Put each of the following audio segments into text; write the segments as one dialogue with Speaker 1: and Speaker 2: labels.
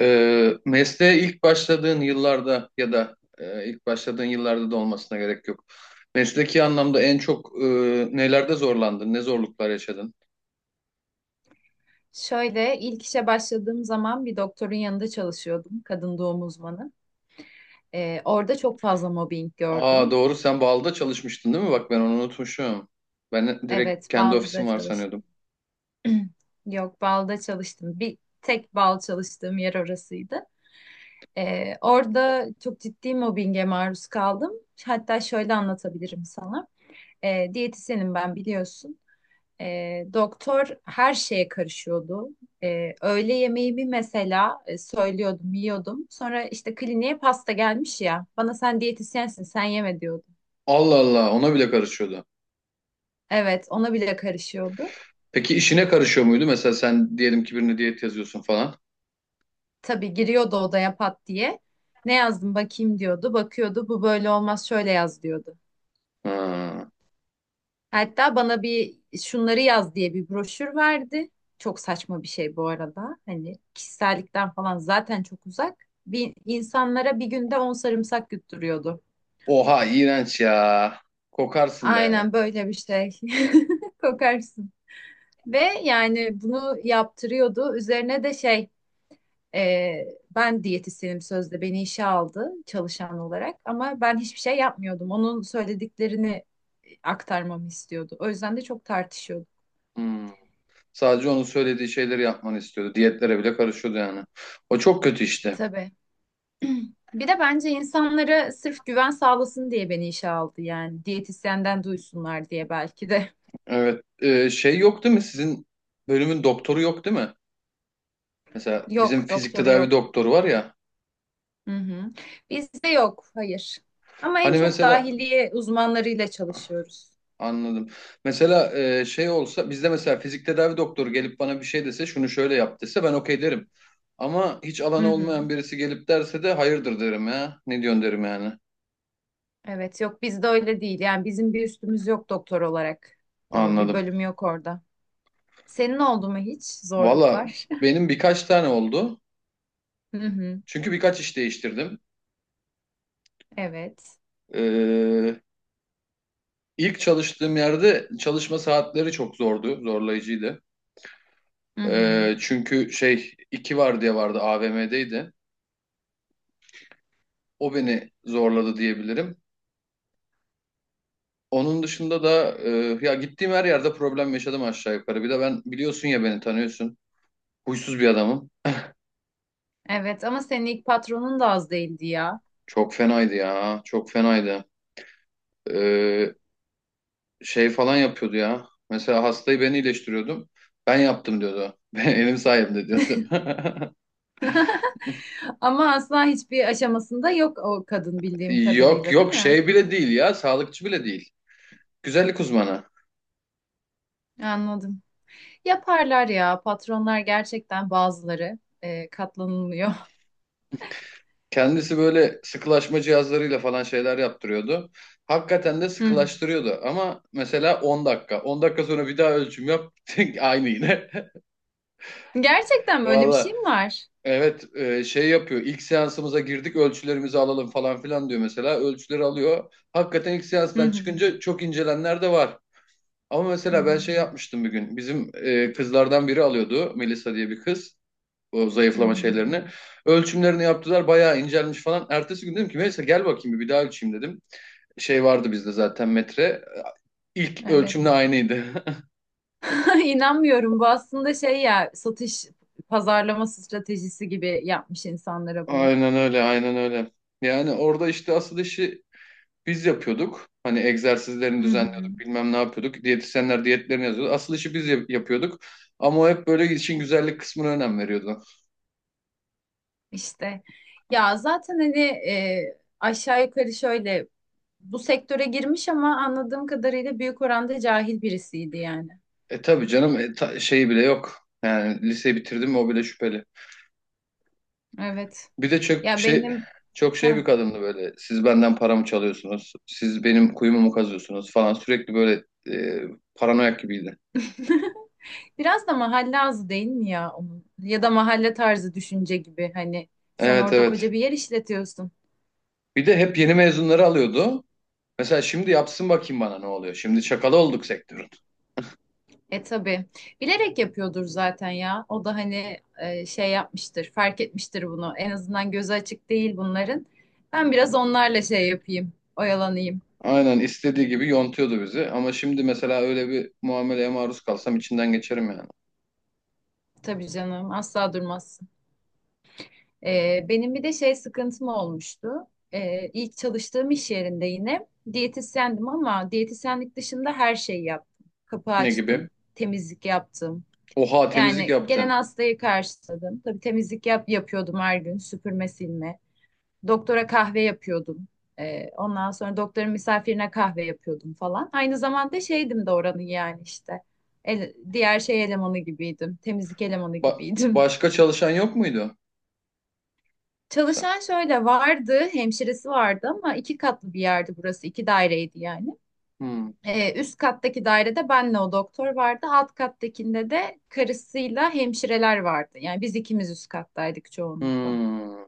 Speaker 1: Mesleğe ilk başladığın yıllarda ya da ilk başladığın yıllarda da olmasına gerek yok. Mesleki anlamda en çok nelerde zorlandın? Ne zorluklar yaşadın?
Speaker 2: Şöyle ilk işe başladığım zaman bir doktorun yanında çalışıyordum, kadın doğum uzmanı. Orada çok fazla mobbing
Speaker 1: Aa
Speaker 2: gördüm.
Speaker 1: doğru, sen Bağlı'da çalışmıştın değil mi? Bak ben onu unutmuşum. Ben direkt
Speaker 2: Evet,
Speaker 1: kendi ofisim
Speaker 2: Ballı'da
Speaker 1: var
Speaker 2: çalıştım.
Speaker 1: sanıyordum.
Speaker 2: Yok, Bal'da çalıştım. Bir tek Bal çalıştığım yer orasıydı. Orada çok ciddi mobbinge maruz kaldım. Hatta şöyle anlatabilirim sana. Diyetisyenim ben biliyorsun. Doktor her şeye karışıyordu. Öğle yemeği bir mesela söylüyordum, yiyordum. Sonra işte kliniğe pasta gelmiş ya. Bana sen diyetisyensin, sen yeme diyordu.
Speaker 1: Allah Allah, ona bile karışıyordu.
Speaker 2: Evet, ona bile karışıyordu.
Speaker 1: Peki işine karışıyor muydu? Mesela sen diyelim ki birine diyet yazıyorsun falan.
Speaker 2: Tabii giriyordu odaya pat diye. Ne yazdım bakayım diyordu. Bakıyordu, bu böyle olmaz şöyle yaz diyordu.
Speaker 1: Ha.
Speaker 2: Hatta bana bir şunları yaz diye bir broşür verdi. Çok saçma bir şey bu arada. Hani kişisellikten falan zaten çok uzak. Bir, insanlara bir günde 10 sarımsak yutturuyordu.
Speaker 1: Oha iğrenç ya. Kokarsın be.
Speaker 2: Aynen böyle bir şey. Kokarsın. Ve yani bunu yaptırıyordu. Üzerine de şey e, ben diyetisyenim sözde beni işe aldı çalışan olarak ama ben hiçbir şey yapmıyordum. Onun söylediklerini aktarmamı istiyordu. O yüzden de çok tartışıyorduk.
Speaker 1: Hmm. Sadece onun söylediği şeyleri yapmanı istiyordu. Diyetlere bile karışıyordu yani. O çok kötü işte.
Speaker 2: Tabii. Bir de bence insanlara sırf güven sağlasın diye beni işe aldı yani. Diyetisyenden duysunlar diye belki de.
Speaker 1: Evet. Şey yok değil mi? Sizin bölümün doktoru yok değil mi? Mesela bizim
Speaker 2: Yok
Speaker 1: fizik
Speaker 2: doktoru
Speaker 1: tedavi
Speaker 2: yok.
Speaker 1: doktoru var ya.
Speaker 2: Hı hı. Bizde yok, hayır. Ama en
Speaker 1: Hani
Speaker 2: çok
Speaker 1: mesela
Speaker 2: dahiliye uzmanlarıyla çalışıyoruz.
Speaker 1: anladım. Mesela şey olsa bizde, mesela fizik tedavi doktoru gelip bana bir şey dese, şunu şöyle yap dese, ben okey derim. Ama hiç
Speaker 2: Hı
Speaker 1: alanı
Speaker 2: hı.
Speaker 1: olmayan birisi gelip derse de hayırdır derim ya. Ne diyorsun derim yani.
Speaker 2: Evet, yok bizde öyle değil. Yani bizim bir üstümüz yok doktor olarak. Bir
Speaker 1: Anladım.
Speaker 2: bölüm yok orada. Senin oldu mu hiç
Speaker 1: Valla
Speaker 2: zorluklar?
Speaker 1: benim birkaç tane oldu.
Speaker 2: Hı hı.
Speaker 1: Çünkü birkaç iş değiştirdim.
Speaker 2: Evet.
Speaker 1: Ee, İlk çalıştığım yerde çalışma saatleri çok zordu, zorlayıcıydı.
Speaker 2: Hı hı.
Speaker 1: Çünkü şey iki var diye vardı, AVM'deydi. O beni zorladı diyebilirim. Onun dışında da ya gittiğim her yerde problem yaşadım aşağı yukarı. Bir de ben, biliyorsun ya, beni tanıyorsun. Huysuz bir adamım.
Speaker 2: Evet ama senin ilk patronun da az değildi ya.
Speaker 1: Çok fenaydı ya, çok fenaydı. Ee, şey falan yapıyordu ya. Mesela hastayı ben iyileştiriyordum. Ben yaptım diyordu. Benim sayemde diyordu.
Speaker 2: Ama asla hiçbir aşamasında yok o kadın bildiğim
Speaker 1: Yok
Speaker 2: kadarıyla, değil
Speaker 1: yok,
Speaker 2: mi?
Speaker 1: şey bile değil ya, sağlıkçı bile değil. Güzellik uzmanı.
Speaker 2: Anladım. Yaparlar ya patronlar, gerçekten bazıları katlanılmıyor.
Speaker 1: Kendisi böyle sıkılaşma cihazlarıyla falan şeyler yaptırıyordu. Hakikaten de
Speaker 2: Hı hı.
Speaker 1: sıkılaştırıyordu ama mesela 10 dakika. 10 dakika sonra bir daha ölçüm yap. Aynı yine.
Speaker 2: Gerçekten böyle bir şey
Speaker 1: Valla
Speaker 2: mi var?
Speaker 1: evet, şey yapıyor. İlk seansımıza girdik, ölçülerimizi alalım falan filan diyor mesela. Ölçüleri alıyor. Hakikaten ilk
Speaker 2: Hı
Speaker 1: seanstan
Speaker 2: hı.
Speaker 1: çıkınca çok incelenler de var. Ama
Speaker 2: Hı
Speaker 1: mesela ben şey
Speaker 2: hı.
Speaker 1: yapmıştım bir gün. Bizim kızlardan biri alıyordu. Melisa diye bir kız. O
Speaker 2: Hı
Speaker 1: zayıflama
Speaker 2: hı.
Speaker 1: şeylerini. Ölçümlerini yaptılar, bayağı incelmiş falan. Ertesi gün dedim ki, Melisa gel bakayım bir, daha ölçeyim dedim. Şey vardı bizde zaten, metre. İlk ölçümle
Speaker 2: Evet.
Speaker 1: aynıydı.
Speaker 2: İnanmıyorum. Bu aslında şey ya, satış pazarlama stratejisi gibi yapmış insanlara bunu.
Speaker 1: Aynen öyle, aynen öyle. Yani orada işte asıl işi biz yapıyorduk. Hani egzersizlerini
Speaker 2: Hı hı.
Speaker 1: düzenliyorduk, bilmem ne yapıyorduk. Diyetisyenler diyetlerini yazıyordu. Asıl işi biz yapıyorduk. Ama o hep böyle işin güzellik kısmına önem veriyordu.
Speaker 2: İşte ya zaten hani aşağı yukarı şöyle bu sektöre girmiş ama anladığım kadarıyla büyük oranda cahil birisiydi yani.
Speaker 1: E tabii canım, şeyi bile yok. Yani liseyi bitirdim mi, o bile şüpheli.
Speaker 2: Evet.
Speaker 1: Bir de
Speaker 2: Ya benim.
Speaker 1: çok şey
Speaker 2: Heh.
Speaker 1: bir kadındı böyle. Siz benden paramı çalıyorsunuz. Siz benim kuyumu mu kazıyorsunuz falan. Sürekli böyle e, paranoyak gibiydi.
Speaker 2: Biraz da mahalle ağzı değil mi ya onun? Ya da mahalle tarzı düşünce gibi, hani sen
Speaker 1: Evet
Speaker 2: orada
Speaker 1: evet.
Speaker 2: koca bir yer işletiyorsun.
Speaker 1: Bir de hep yeni mezunları alıyordu. Mesela şimdi yapsın bakayım, bana ne oluyor. Şimdi çakalı olduk sektörün.
Speaker 2: E tabii. Bilerek yapıyordur zaten ya. O da hani şey yapmıştır, fark etmiştir bunu. En azından gözü açık değil bunların. Ben biraz onlarla şey yapayım, oyalanayım.
Speaker 1: Aynen istediği gibi yontuyordu bizi. Ama şimdi mesela öyle bir muameleye maruz kalsam, içinden geçerim yani.
Speaker 2: Tabii canım, asla durmaz. Benim bir de şey sıkıntım olmuştu. İlk çalıştığım iş yerinde yine diyetisyendim ama diyetisyenlik dışında her şeyi yaptım. Kapı
Speaker 1: Ne gibi?
Speaker 2: açtım, temizlik yaptım.
Speaker 1: Oha, temizlik
Speaker 2: Yani gelen
Speaker 1: yaptın.
Speaker 2: hastayı karşıladım. Tabii temizlik yapıyordum her gün, süpürme, silme. Doktora kahve yapıyordum. Ondan sonra doktorun misafirine kahve yapıyordum falan. Aynı zamanda şeydim de oranın yani işte. Diğer şey elemanı gibiydim. Temizlik elemanı gibiydim.
Speaker 1: Başka çalışan yok muydu? Sen.
Speaker 2: Çalışan şöyle vardı, hemşiresi vardı ama iki katlı bir yerdi burası, iki daireydi yani.
Speaker 1: Hmm.
Speaker 2: Üst kattaki dairede benle o doktor vardı, alt kattakinde de karısıyla hemşireler vardı. Yani biz ikimiz üst kattaydık çoğunlukla.
Speaker 1: Hmm.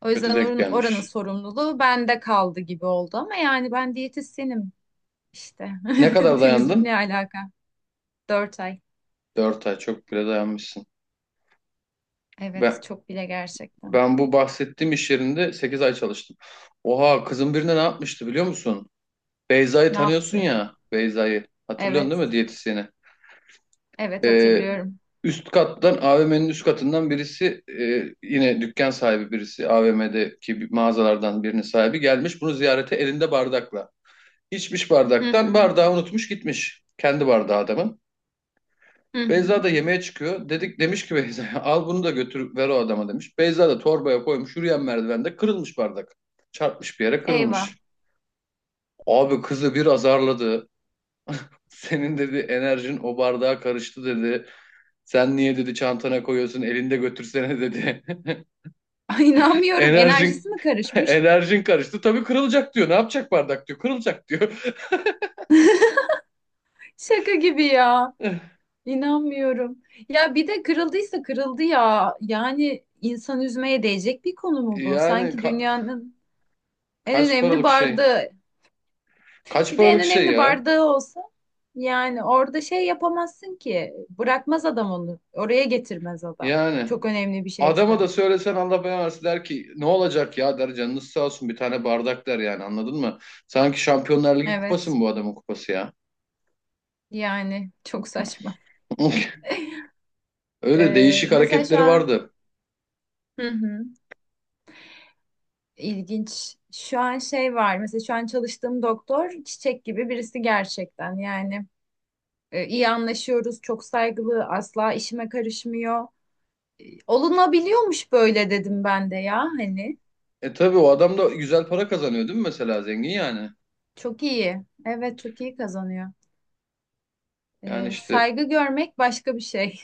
Speaker 2: O
Speaker 1: Kötü
Speaker 2: yüzden
Speaker 1: denk
Speaker 2: oranın, oranın
Speaker 1: gelmiş.
Speaker 2: sorumluluğu bende kaldı gibi oldu ama yani ben diyetisyenim işte.
Speaker 1: Ne kadar
Speaker 2: Temizlik ne
Speaker 1: dayandın?
Speaker 2: alaka? Dört ay.
Speaker 1: Dört ay çok bile dayanmışsın.
Speaker 2: Evet,
Speaker 1: Ben,
Speaker 2: çok bile gerçekten.
Speaker 1: ben bu bahsettiğim iş yerinde 8 ay çalıştım. Oha, kızın birine ne yapmıştı biliyor musun? Beyza'yı
Speaker 2: Ne
Speaker 1: tanıyorsun
Speaker 2: yaptı?
Speaker 1: ya, Beyza'yı. Hatırlıyorsun değil mi,
Speaker 2: Evet,
Speaker 1: diyetisyeni?
Speaker 2: evet
Speaker 1: Ee,
Speaker 2: hatırlıyorum.
Speaker 1: üst kattan, AVM'nin üst katından birisi, yine dükkan sahibi birisi, AVM'deki bir mağazalardan birinin sahibi gelmiş bunu ziyarete elinde bardakla. İçmiş
Speaker 2: Hı
Speaker 1: bardaktan,
Speaker 2: hı.
Speaker 1: bardağı unutmuş gitmiş. Kendi bardağı adamın.
Speaker 2: Hı hı.
Speaker 1: Beyza da yemeğe çıkıyor. Dedik, demiş ki Beyza'ya, al bunu da götür ver o adama demiş. Beyza da torbaya koymuş, yürüyen merdivende kırılmış bardak. Çarpmış bir yere, kırılmış.
Speaker 2: Eyvah.
Speaker 1: Abi kızı bir azarladı. Senin dedi enerjin o bardağa karıştı dedi. Sen niye dedi çantana koyuyorsun, elinde götürsene dedi.
Speaker 2: Ay, İnanmıyorum.
Speaker 1: Enerjin
Speaker 2: Enerjisi mi karışmış?
Speaker 1: enerjin karıştı. Tabii kırılacak diyor. Ne yapacak bardak diyor. Kırılacak diyor.
Speaker 2: Şaka gibi ya. İnanmıyorum. Ya bir de kırıldıysa kırıldı ya. Yani insan üzmeye değecek bir konu mu bu?
Speaker 1: Yani
Speaker 2: Sanki dünyanın en
Speaker 1: kaç
Speaker 2: önemli
Speaker 1: paralık şey?
Speaker 2: bardağı.
Speaker 1: Kaç
Speaker 2: Bir de en
Speaker 1: paralık şey
Speaker 2: önemli
Speaker 1: ya?
Speaker 2: bardağı olsa yani orada şey yapamazsın ki. Bırakmaz adam onu. Oraya getirmez adam.
Speaker 1: Yani
Speaker 2: Çok önemli bir şeyse.
Speaker 1: adama da söylesen Allah belanı versin, der ki ne olacak ya, der canınız sağ olsun bir tane bardak der, yani anladın mı? Sanki Şampiyonlar Ligi kupası
Speaker 2: Evet.
Speaker 1: mı bu adamın kupası ya?
Speaker 2: Yani çok saçma.
Speaker 1: Öyle değişik
Speaker 2: Mesela şu
Speaker 1: hareketleri
Speaker 2: an.
Speaker 1: vardı.
Speaker 2: Hı hı. İlginç. Şu an şey var, mesela şu an çalıştığım doktor çiçek gibi birisi gerçekten yani, iyi anlaşıyoruz çok saygılı asla işime karışmıyor. Olunabiliyormuş böyle dedim ben de ya hani
Speaker 1: E tabii, o adam da güzel para kazanıyor değil mi mesela, zengin yani?
Speaker 2: çok iyi, evet çok iyi kazanıyor.
Speaker 1: Yani
Speaker 2: E,
Speaker 1: işte,
Speaker 2: saygı görmek başka bir şey.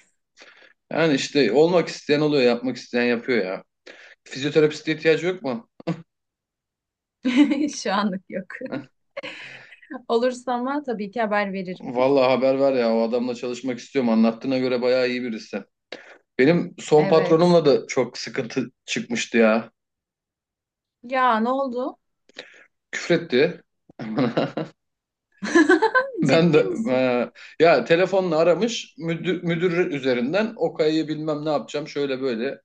Speaker 1: olmak isteyen oluyor, yapmak isteyen yapıyor ya. Fizyoterapiste ihtiyacı yok mu?
Speaker 2: Şu anlık yok.
Speaker 1: Heh.
Speaker 2: Olursa ama tabii ki haber veririm.
Speaker 1: Vallahi haber ver ya, o adamla çalışmak istiyorum, anlattığına göre bayağı iyi birisi. Benim son
Speaker 2: Evet
Speaker 1: patronumla da çok sıkıntı çıkmıştı ya.
Speaker 2: ya, ne oldu?
Speaker 1: Küfretti. Ben
Speaker 2: Ciddi
Speaker 1: de
Speaker 2: misin?
Speaker 1: ya telefonla aramış müdür, müdür üzerinden Okay bilmem ne yapacağım şöyle böyle.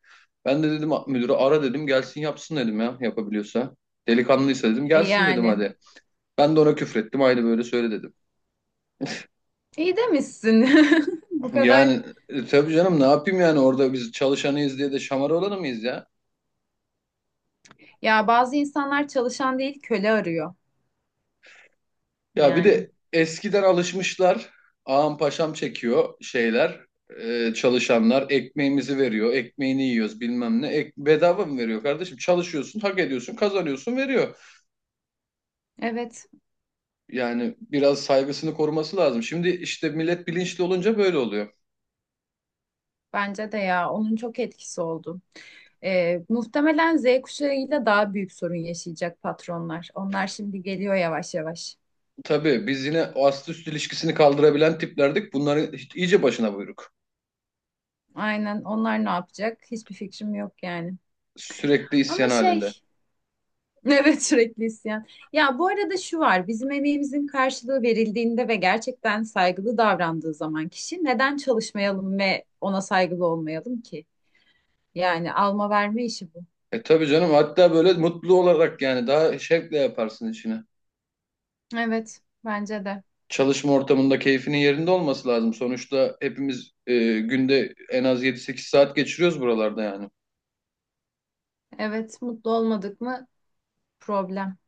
Speaker 1: Ben de dedim müdürü ara dedim, gelsin yapsın dedim, ya yapabiliyorsa. Delikanlıysa dedim
Speaker 2: E
Speaker 1: gelsin dedim,
Speaker 2: yani
Speaker 1: hadi. Ben de ona küfrettim, aynı böyle söyle dedim.
Speaker 2: iyi demişsin. Bu kadar.
Speaker 1: Yani tabii canım, ne yapayım yani, orada biz çalışanıyız diye de şamar olanı mıyız ya?
Speaker 2: Ya bazı insanlar çalışan değil köle arıyor
Speaker 1: Ya bir
Speaker 2: yani.
Speaker 1: de eskiden alışmışlar. Ağam paşam çekiyor şeyler. Çalışanlar ekmeğimizi veriyor. Ekmeğini yiyoruz bilmem ne. Ek, bedava mı veriyor kardeşim? Çalışıyorsun, hak ediyorsun, kazanıyorsun, veriyor.
Speaker 2: Evet,
Speaker 1: Yani biraz saygısını koruması lazım. Şimdi işte millet bilinçli olunca böyle oluyor.
Speaker 2: bence de ya, onun çok etkisi oldu. Muhtemelen Z kuşağıyla daha büyük sorun yaşayacak patronlar. Onlar şimdi geliyor yavaş yavaş.
Speaker 1: Tabii biz yine o ast üst ilişkisini kaldırabilen tiplerdik. Bunların iyice başına buyruk.
Speaker 2: Aynen, onlar ne yapacak? Hiçbir fikrim yok yani.
Speaker 1: Sürekli isyan
Speaker 2: Ama şey.
Speaker 1: halinde.
Speaker 2: Evet, sürekli isyan. Ya bu arada şu var, bizim emeğimizin karşılığı verildiğinde ve gerçekten saygılı davrandığı zaman kişi neden çalışmayalım ve ona saygılı olmayalım ki? Yani alma verme işi bu.
Speaker 1: E tabii canım, hatta böyle mutlu olarak yani, daha şevkle yaparsın işini.
Speaker 2: Evet, bence de.
Speaker 1: Çalışma ortamında keyfinin yerinde olması lazım. Sonuçta hepimiz günde en az 7 8 saat geçiriyoruz buralarda yani.
Speaker 2: Evet, mutlu olmadık mı problem.